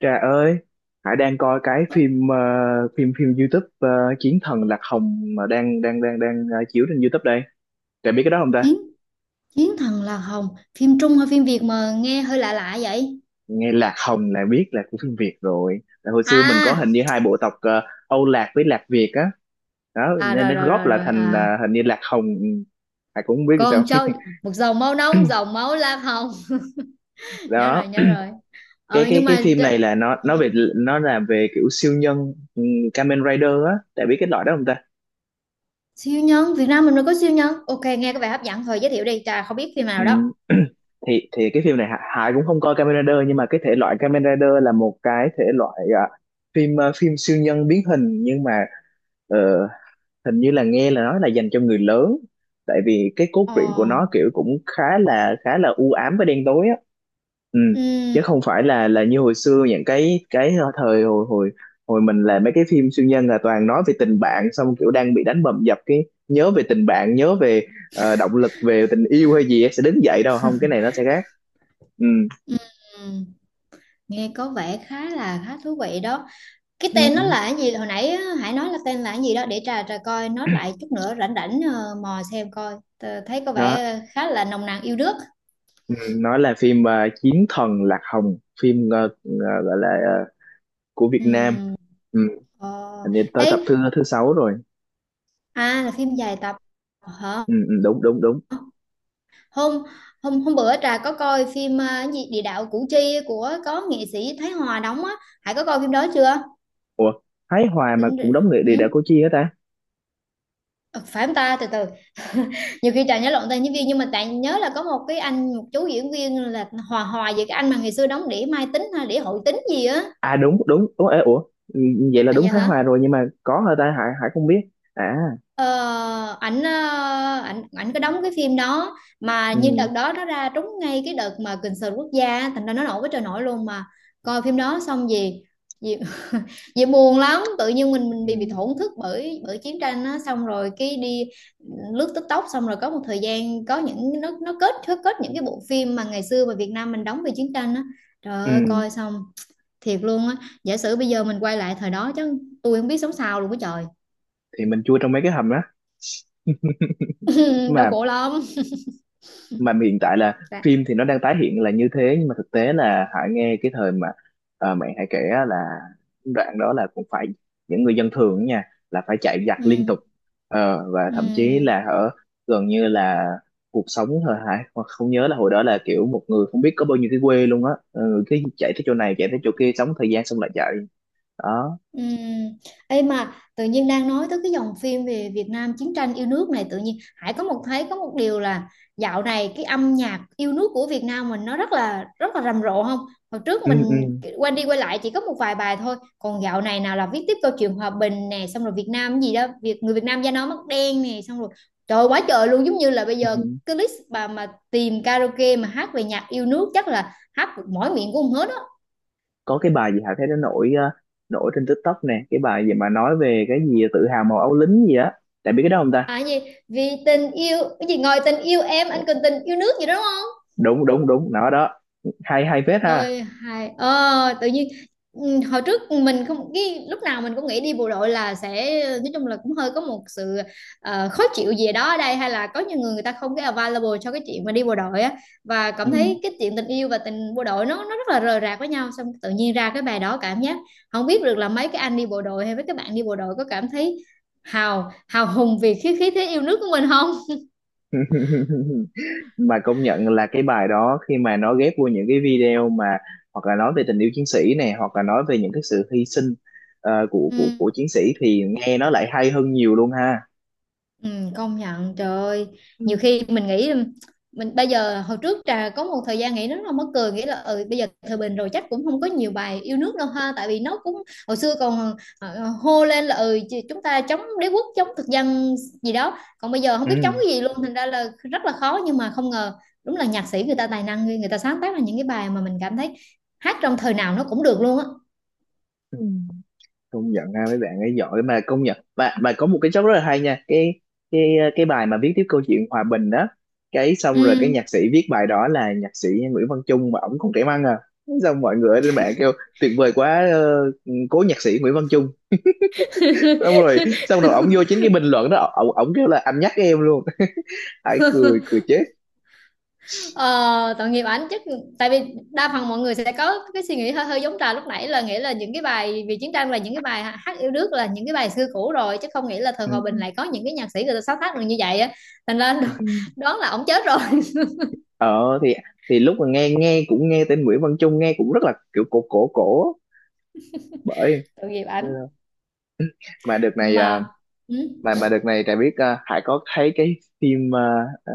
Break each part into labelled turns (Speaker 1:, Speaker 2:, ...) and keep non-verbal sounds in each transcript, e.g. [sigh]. Speaker 1: Trà ơi, Hải đang coi cái phim phim phim YouTube, Chiến thần Lạc Hồng mà đang đang đang đang ờ, chiếu trên YouTube đây. Trà biết cái đó không ta?
Speaker 2: Chiến chiến thần là hồng, phim Trung hay phim Việt mà nghe hơi lạ lạ vậy?
Speaker 1: Nghe Lạc Hồng là biết là của phim Việt rồi. Tại hồi xưa mình có
Speaker 2: À
Speaker 1: hình như hai bộ tộc, Âu Lạc với Lạc Việt á. Đó,
Speaker 2: à.
Speaker 1: nên
Speaker 2: rồi
Speaker 1: nó
Speaker 2: rồi
Speaker 1: góp
Speaker 2: rồi
Speaker 1: lại
Speaker 2: rồi
Speaker 1: thành,
Speaker 2: À,
Speaker 1: hình như Lạc Hồng. Ừ, Hải cũng không biết sao.
Speaker 2: con trâu
Speaker 1: [clears throat]
Speaker 2: một dòng máu nóng, dòng
Speaker 1: [laughs]
Speaker 2: máu lam hồng. [laughs] Nhớ rồi,
Speaker 1: Đó,
Speaker 2: nhớ rồi.
Speaker 1: cái
Speaker 2: ờ
Speaker 1: cái
Speaker 2: nhưng
Speaker 1: cái
Speaker 2: mà
Speaker 1: phim này
Speaker 2: tr-
Speaker 1: là nó là về kiểu siêu nhân, ừ, Kamen Rider á. Trà biết cái loại đó không ta?
Speaker 2: Siêu nhân Việt Nam mình mới có siêu nhân. Ok, nghe có vẻ hấp dẫn, thôi giới thiệu đi, trà không biết phim nào đó.
Speaker 1: Ừm, [clears throat] thì cái phim này Hải cũng không coi Kamen Rider, nhưng mà cái thể loại Kamen Rider là một cái thể loại, à, phim, à, phim siêu nhân biến hình. Nhưng mà ờ, hình như là nghe là nói là dành cho người lớn, tại vì cái cốt
Speaker 2: ờ
Speaker 1: truyện của nó kiểu cũng khá là u ám và đen tối á. Ừ, chứ
Speaker 2: ừm,
Speaker 1: không phải là như hồi xưa, những cái thời hồi hồi hồi mình làm mấy cái phim siêu nhân là toàn nói về tình bạn, xong kiểu đang bị đánh bầm dập cái nhớ về tình bạn, nhớ về, động lực về tình yêu hay gì á, sẽ đứng dậy. Đâu không, cái này nó sẽ khác. Ừ.
Speaker 2: ừm, Nghe có vẻ khá là khá thú vị đó. Cái tên nó
Speaker 1: Ừ.
Speaker 2: là cái gì hồi nãy á, Hải nói là tên là cái gì đó để trà trà coi nó lại, chút nữa rảnh rảnh mò xem coi. Thấy có
Speaker 1: Nó,
Speaker 2: vẻ khá là nồng nàn yêu nước.
Speaker 1: ừ, nó là phim, Chiến thần Lạc Hồng, phim gọi là, của Việt Nam.
Speaker 2: Ừm.
Speaker 1: Ừ.
Speaker 2: Ờ.
Speaker 1: Hình như tới tập thứ
Speaker 2: Ê,
Speaker 1: thứ 6 rồi.
Speaker 2: à là phim dài tập hả?
Speaker 1: Ừ, ừ, đúng đúng đúng.
Speaker 2: Hôm hôm Hôm bữa trà có coi phim cái gì địa đạo Củ Chi của có nghệ sĩ Thái Hòa đóng á, Hải có coi phim đó chưa?
Speaker 1: Ủa, Thái Hòa mà cũng
Speaker 2: Tính-
Speaker 1: đóng người
Speaker 2: ừ?
Speaker 1: địa đạo Củ Chi hả ta?
Speaker 2: Ờ, phải không ta, từ từ, nhiều khi trời nhớ lộn tên diễn viên, nhưng mà tại nhớ là có một cái anh, một chú diễn viên là hòa hòa về cái anh mà ngày xưa đóng đĩa Mai Tính hay đĩa Hội Tính gì á.
Speaker 1: À, đúng đúng. Ủa ê, ủa ừ, vậy là
Speaker 2: À
Speaker 1: đúng
Speaker 2: dạ
Speaker 1: Thái
Speaker 2: hả.
Speaker 1: Hòa rồi, nhưng mà có hả ta? Hải Hải không biết. À,
Speaker 2: Ờ, ảnh ảnh có đóng cái phim đó, mà như đợt
Speaker 1: ừ,
Speaker 2: đó nó ra trúng ngay cái đợt mà kình sờn quốc gia á, thành ra nó nổi với trời nổi luôn mà. Coi phim đó xong gì, gì, [laughs] gì buồn lắm, tự nhiên mình bị
Speaker 1: ừ,
Speaker 2: thổn thức bởi bởi chiến tranh á, xong rồi cái đi lướt TikTok, xong rồi có một thời gian có những, nó nó kết những cái bộ phim mà ngày xưa mà Việt Nam mình đóng về chiến tranh á. Trời
Speaker 1: ừ.
Speaker 2: ơi, coi xong thiệt luôn á, giả sử bây giờ mình quay lại thời đó chứ tôi không biết sống sao luôn á trời.
Speaker 1: Thì mình chui trong mấy cái hầm đó. [laughs]
Speaker 2: [laughs] Đau
Speaker 1: mà
Speaker 2: khổ lắm.
Speaker 1: mà hiện tại là phim thì nó đang tái hiện là như thế, nhưng mà thực tế là Hải nghe cái thời mà, mẹ Hải kể á, là đoạn đó là cũng phải, những người dân thường á nha, là phải chạy
Speaker 2: Ừ,
Speaker 1: giặc liên tục. Ờ, và
Speaker 2: ừ,
Speaker 1: thậm chí là ở gần như là cuộc sống thôi. Hải hoặc không nhớ là hồi đó là kiểu một người không biết có bao nhiêu cái quê luôn á. Ừ, cái chạy tới chỗ này chạy tới chỗ kia sống thời gian xong lại chạy. Đó.
Speaker 2: ừ. Ê mà tự nhiên đang nói tới cái dòng phim về Việt Nam chiến tranh yêu nước này, tự nhiên Hải có một thấy có một điều là dạo này cái âm nhạc yêu nước của Việt Nam mình nó rất là rầm rộ không? Hồi trước
Speaker 1: Ừ, ừ,
Speaker 2: mình quay đi quay lại chỉ có một vài bài thôi, còn dạo này nào là viết tiếp câu chuyện hòa bình nè, xong rồi Việt Nam gì đó, Việt người Việt Nam da nó mắt đen nè, xong rồi trời ơi, quá trời luôn, giống như là bây giờ
Speaker 1: ừ.
Speaker 2: cái list bà mà tìm karaoke mà hát về nhạc yêu nước chắc là hát mỗi miệng cũng không hết.
Speaker 1: Có cái bài gì Hà thấy nó nổi, nổi trên TikTok nè, cái bài gì mà nói về cái gì tự hào màu áo lính gì á. Tại biết cái đó không ta?
Speaker 2: À gì, vì tình yêu cái gì ngồi tình yêu em anh cần tình yêu nước gì đó đúng không?
Speaker 1: Đúng đúng đúng, nó đó. Hay, hay phết ha.
Speaker 2: Ôi hài tự nhiên ừ, hồi trước mình không, cái lúc nào mình cũng nghĩ đi bộ đội là sẽ nói chung là cũng hơi có một sự khó chịu gì đó ở đây, hay là có nhiều người, người ta không cái available cho cái chuyện mà đi bộ đội á, và
Speaker 1: Ừ.
Speaker 2: cảm thấy cái chuyện tình yêu và tình bộ đội nó rất là rời rạc với nhau, xong tự nhiên ra cái bài đó cảm giác không biết được là mấy cái anh đi bộ đội hay mấy các bạn đi bộ đội có cảm thấy hào hào hùng vì khí khí thế yêu nước của mình không?
Speaker 1: [laughs] Mà công nhận là cái bài đó khi mà nó ghép vô những cái video mà hoặc là nói về tình yêu chiến sĩ này, hoặc là nói về những cái sự hy sinh, của
Speaker 2: Ừ.
Speaker 1: của của chiến sĩ, thì nghe nó lại hay hơn nhiều luôn ha.
Speaker 2: Ừ, công nhận trời ơi. Nhiều khi mình nghĩ mình bây giờ, hồi trước trà có một thời gian nghĩ nó là mắc cười, nghĩ là ừ bây giờ thời bình rồi chắc cũng không có nhiều bài yêu nước đâu ha, tại vì nó cũng hồi xưa còn hô lên là ừ chúng ta chống đế quốc chống thực dân gì đó, còn bây giờ không biết chống
Speaker 1: Ừ.
Speaker 2: cái gì luôn, thành ra là rất là khó, nhưng mà không ngờ đúng là nhạc sĩ người ta tài năng ghê, người ta sáng tác ra những cái bài mà mình cảm thấy hát trong thời nào nó cũng được luôn á.
Speaker 1: Ừ. Công nhận ha, mấy bạn ấy giỏi. Mà công nhận mà có một cái job rất là hay nha, cái cái bài mà viết tiếp câu chuyện hòa bình đó. Cái xong rồi cái
Speaker 2: Ừ.
Speaker 1: nhạc sĩ viết bài đó là nhạc sĩ Nguyễn Văn Chung, mà ổng còn trẻ măng à. Xong mọi người ở trên mạng kêu tuyệt vời quá, cố nhạc sĩ Nguyễn Văn Chung.
Speaker 2: [laughs]
Speaker 1: Xong rồi xong rồi ổng vô chính cái bình luận đó, ổng ổng kêu là anh nhắc em luôn. [laughs] Hãy cười, cười chết.
Speaker 2: Ờ, tội nghiệp ảnh chứ, tại vì đa phần mọi người sẽ có cái suy nghĩ hơi hơi giống trà lúc nãy, là nghĩa là những cái bài vì chiến tranh, là những cái bài hát yêu nước là những cái bài xưa cũ rồi, chứ không nghĩ là thời hòa bình
Speaker 1: Ừ.
Speaker 2: lại có những cái nhạc sĩ người ta sáng tác được như vậy á. Thành ra
Speaker 1: Ừ.
Speaker 2: đoán là ổng chết rồi. [laughs]
Speaker 1: Ờ thì lúc mà nghe, nghe cũng nghe tên Nguyễn Văn Chung nghe cũng rất là kiểu cổ cổ cổ. Bởi
Speaker 2: Tội nghiệp ảnh
Speaker 1: mà đợt này à,
Speaker 2: mà. Ừ.
Speaker 1: mà đợt này Trà biết, Hải có thấy cái phim, ờ,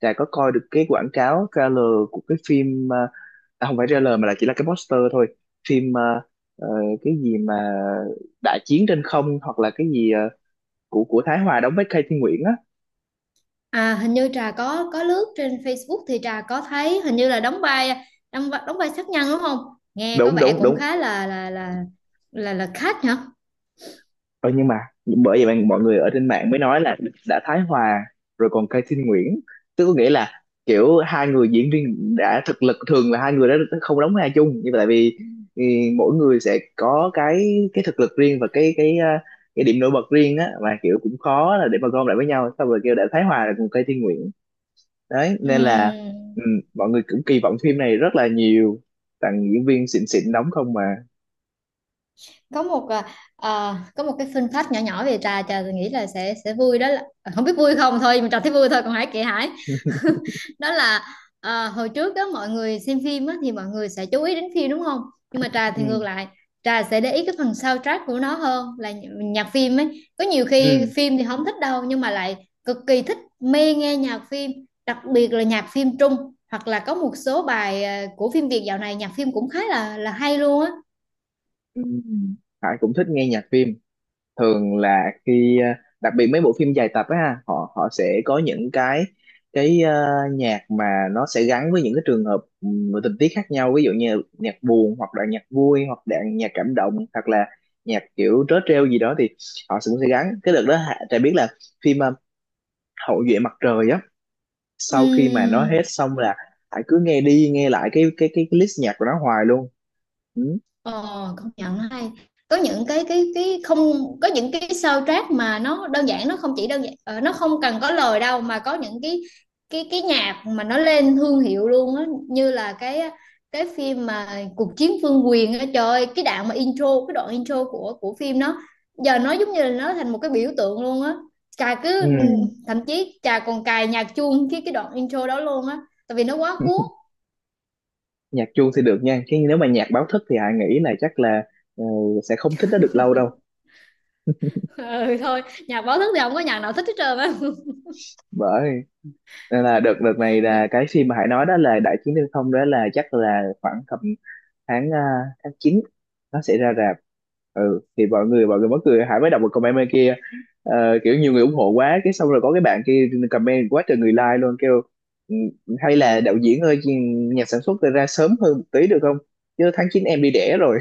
Speaker 1: Trà có coi được cái quảng cáo trailer của cái phim, à, không phải trailer mà là chỉ là cái poster thôi, phim ờ, cái gì mà đại chiến trên không, hoặc là cái gì, của Thái Hòa đóng với Cây Thiên Nguyễn á.
Speaker 2: À hình như trà có lướt trên Facebook thì trà có thấy hình như là đóng vai, đóng, đóng vai sát nhân đúng không, nghe có
Speaker 1: Đúng
Speaker 2: vẻ
Speaker 1: đúng
Speaker 2: cũng
Speaker 1: đúng.
Speaker 2: khá là là khách hả.
Speaker 1: Ờ, nhưng mà bởi vậy mà mọi người ở trên mạng mới nói là đã Thái Hòa rồi còn Cây Thiên Nguyễn, tức có nghĩa là kiểu hai người diễn viên đã thực lực, thường là hai người đó không đóng vai chung, nhưng mà tại vì, ừ, mỗi người sẽ có cái thực lực riêng và cái điểm nổi bật riêng á, mà kiểu cũng khó là để mà gom lại với nhau, xong rồi kêu đã Thái Hòa rồi còn Cây Thiên Nguyễn. Đấy,
Speaker 2: Ừ.
Speaker 1: nên là, ừ, mọi người cũng kỳ vọng phim này rất là nhiều, toàn diễn viên xịn xịn đóng không mà.
Speaker 2: Có một à, à, có một cái fun fact nhỏ nhỏ về trà, trà nghĩ là sẽ vui đó là không biết vui không thôi mình trà thấy vui thôi còn Hải kệ Hải. [laughs] Đó là à, hồi trước đó mọi người xem phim á, thì mọi người sẽ chú ý đến phim đúng không, nhưng mà trà thì ngược
Speaker 1: Ừ
Speaker 2: lại, trà sẽ để ý cái phần soundtrack của nó hơn là nhạc phim ấy, có nhiều khi
Speaker 1: ừ,
Speaker 2: phim thì không thích đâu nhưng mà lại cực kỳ thích mê nghe nhạc phim, đặc biệt là nhạc phim Trung hoặc là có một số bài à, của phim Việt dạo này nhạc phim cũng khá là hay luôn á.
Speaker 1: ừ. Hải cũng thích nghe nhạc phim. Thường là khi, đặc biệt mấy bộ phim dài tập á ha, họ họ sẽ có những cái cái ờ, nhạc mà nó sẽ gắn với những cái trường hợp, và tình tiết khác nhau, ví dụ như nhạc buồn hoặc là nhạc vui hoặc là nhạc cảm động hoặc là nhạc kiểu trớ trêu gì đó, thì họ cũng sẽ gắn. Cái đợt đó Trà biết là phim, Hậu duệ mặt trời á, sau khi mà nó hết
Speaker 2: Ừm.
Speaker 1: xong là Hải cứ nghe đi nghe lại cái list nhạc của nó hoài luôn. Ừ.
Speaker 2: Ờ, công nhận hay, có những cái không, có những cái soundtrack mà nó đơn giản, nó không chỉ đơn giản nó không cần có lời đâu, mà có những cái nhạc mà nó lên thương hiệu luôn á, như là cái phim mà cuộc chiến vương quyền á, trời ơi, cái đoạn mà intro, cái đoạn intro của phim đó giờ nó giống như là nó thành một cái biểu tượng luôn á. Trà
Speaker 1: Ừ.
Speaker 2: cứ, thậm chí Trà còn cài nhạc chuông cái đoạn intro đó luôn á, tại vì nó quá cuốn.
Speaker 1: Nhạc chuông thì được nha, chứ nếu mà nhạc báo thức thì Hải nghĩ là chắc là, ờ, sẽ không thích nó được lâu đâu.
Speaker 2: [laughs] Ừ thôi, nhạc báo thức thì không có nhạc nào thích hết trơn á.
Speaker 1: Bởi nên là đợt đợt này
Speaker 2: [laughs]
Speaker 1: là cái phim mà Hải nói đó là Đại Chiến Thiên Không đó, là chắc là khoảng tầm tháng, à, tháng 9 nó sẽ ra rạp. Ừ thì mọi người mắc cười, Hải mới đọc một comment bên kia, kiểu nhiều người ủng hộ quá, cái xong rồi có cái bạn kia comment quá trời người like luôn, kêu: "Ừ, hay là đạo diễn ơi, nhà sản xuất ra sớm hơn một tí được không, chứ tháng 9 em đi đẻ rồi."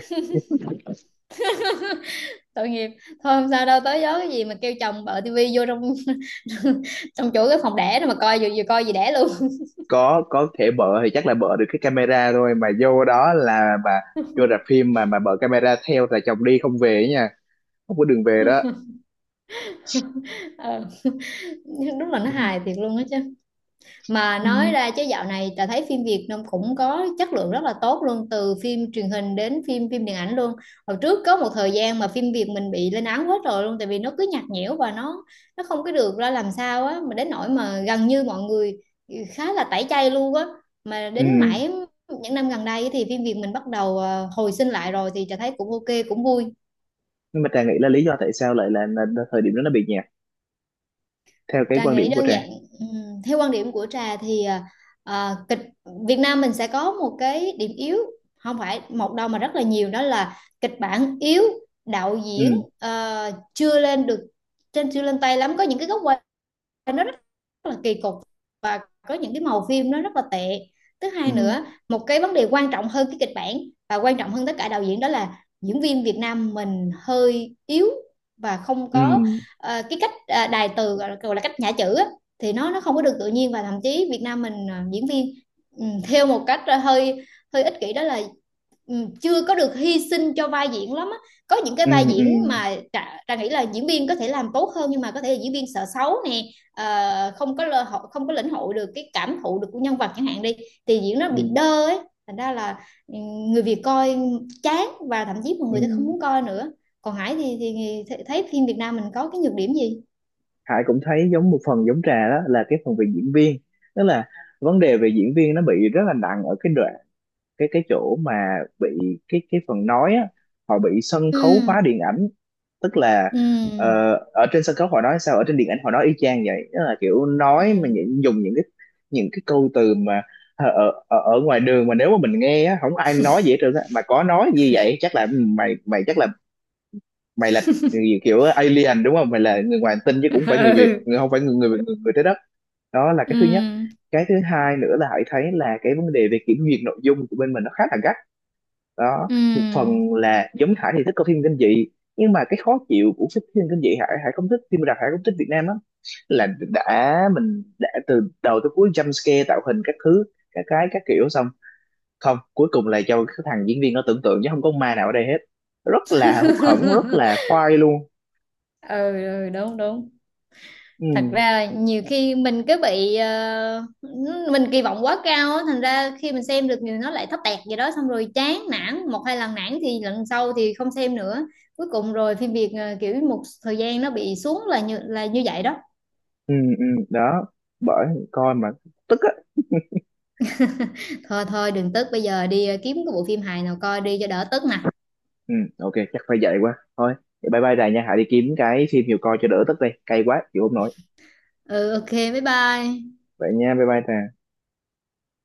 Speaker 2: Tội nghiệp thôi, không sao đâu, tới gió cái gì mà kêu chồng bợ tivi vô trong [laughs] trong chỗ cái phòng đẻ đó mà coi, vừa vừa coi gì đẻ luôn. [laughs]
Speaker 1: Có thể bợ thì chắc là bợ được cái camera thôi, mà vô đó là mà vô rạp phim mà bợ camera theo là chồng đi không về ấy nha, không có đường về đó.
Speaker 2: Ờ, nhưng đúng là nó
Speaker 1: Ừ.
Speaker 2: hài thiệt luôn á chứ, mà nói
Speaker 1: Ừ.
Speaker 2: ra chứ dạo này ta thấy phim Việt nó cũng có chất lượng rất là tốt luôn, từ phim truyền hình đến phim phim điện ảnh luôn. Hồi trước có một thời gian mà phim Việt mình bị lên án hết rồi luôn, tại vì nó cứ nhạt nhẽo và nó không có được ra làm sao á, mà đến nỗi mà gần như mọi người khá là tẩy chay luôn á, mà
Speaker 1: Ừ.
Speaker 2: đến mãi những năm gần đây thì phim Việt mình bắt đầu hồi sinh lại rồi thì ta thấy cũng ok cũng vui.
Speaker 1: Nhưng mà Trà nghĩ là lý do tại sao lại là, là thời điểm đó nó bị nhạt, theo cái
Speaker 2: Trà
Speaker 1: quan
Speaker 2: nghĩ
Speaker 1: điểm của
Speaker 2: đơn
Speaker 1: Trà.
Speaker 2: giản, ừm, theo quan điểm của Trà thì à, à, kịch Việt Nam mình sẽ có một cái điểm yếu, không phải một đâu mà rất là nhiều, đó là kịch bản yếu, đạo diễn
Speaker 1: Ừ.
Speaker 2: chưa lên được, trên chưa lên tay lắm, có những cái góc nó rất là kỳ cục, và có những cái màu phim nó rất là tệ. Thứ hai
Speaker 1: Ừ.
Speaker 2: nữa, một cái vấn đề quan trọng hơn cái kịch bản và quan trọng hơn tất cả đạo diễn, đó là diễn viên Việt Nam mình hơi yếu, và không
Speaker 1: Ừ.
Speaker 2: có cái cách đài từ gọi là, cách nhả chữ á, thì nó không có được tự nhiên, và thậm chí Việt Nam mình diễn viên ừ, theo một cách ờ, hơi hơi ích kỷ, đó là ừ, chưa có được hy sinh cho vai diễn lắm á. Có những cái
Speaker 1: Ừ.
Speaker 2: vai
Speaker 1: Ừ.
Speaker 2: diễn mà ta nghĩ là diễn viên có thể làm tốt hơn, nhưng mà có thể là diễn viên sợ xấu nè, không có lơ hội, không có lĩnh hội được cái cảm thụ được của nhân vật chẳng hạn đi, thì diễn nó
Speaker 1: Ừ.
Speaker 2: bị
Speaker 1: Ừ.
Speaker 2: đơ ấy, thành ra là ừ, người Việt coi chán và thậm chí mọi
Speaker 1: Ừ.
Speaker 2: người sẽ không muốn coi nữa. Còn Hải thì, thấy phim Việt Nam mình có cái nhược điểm gì?
Speaker 1: Hải cũng thấy giống một phần giống Trà, đó là cái phần về diễn viên. Tức là vấn đề về diễn viên nó bị rất là nặng ở cái đoạn, cái chỗ mà bị, cái phần nói á, họ bị sân khấu
Speaker 2: Ừ,
Speaker 1: hóa điện ảnh. Tức là,
Speaker 2: ừ,
Speaker 1: ở trên sân khấu họ nói sao ở trên điện ảnh họ nói y chang vậy. Tức là kiểu nói mà
Speaker 2: ừ.
Speaker 1: những, dùng những cái, những cái câu từ mà ở, ở ngoài đường mà nếu mà mình nghe á không ai nói gì hết trơn á, mà có nói như vậy chắc là, ừ, mày mày chắc là mày là người kiểu alien đúng không, mày là người ngoài hành tinh, chứ cũng phải người
Speaker 2: [laughs]
Speaker 1: Việt,
Speaker 2: Ừ,
Speaker 1: người không phải người, người trái đất. Đó là cái
Speaker 2: ừ,
Speaker 1: thứ nhất. Cái thứ hai nữa là hãy thấy là cái vấn đề về kiểm duyệt nội dung của bên mình nó khá là gắt. Đó một phần
Speaker 2: ừ,
Speaker 1: là giống Hải thì thích coi phim kinh dị, nhưng mà cái khó chịu của cái phim kinh dị, Hải Hải không thích phim đặc, Hải không thích Việt Nam lắm, là đã mình đã từ đầu tới cuối jump scare, tạo hình các thứ, các cái các kiểu, xong không cuối cùng là do cái thằng diễn viên nó tưởng tượng chứ không có ma nào ở đây hết. Rất là hụt hẫng, rất là khoai luôn.
Speaker 2: ừ, ừ, đúng đúng. Thật
Speaker 1: Ừ
Speaker 2: ra là nhiều khi mình cứ bị mình kỳ vọng quá cao á, thành ra khi mình xem được nhiều nó lại thấp tẹt gì đó, xong rồi chán nản, một hai lần nản thì lần sau thì không xem nữa, cuối cùng rồi phim Việt kiểu một thời gian nó bị xuống là như vậy đó.
Speaker 1: ừ ừ đó, bởi coi mà tức á.
Speaker 2: Thôi thôi đừng tức, bây giờ đi kiếm cái bộ phim hài nào coi đi cho đỡ tức nè.
Speaker 1: Ừ ok, chắc phải vậy quá thôi. Vậy bye bye Trà nha, hãy đi kiếm cái phim nhiều coi cho đỡ tức đi, cay quá chịu không nổi.
Speaker 2: Ừ ok, bye bye.
Speaker 1: Vậy nha, bye bye Trà.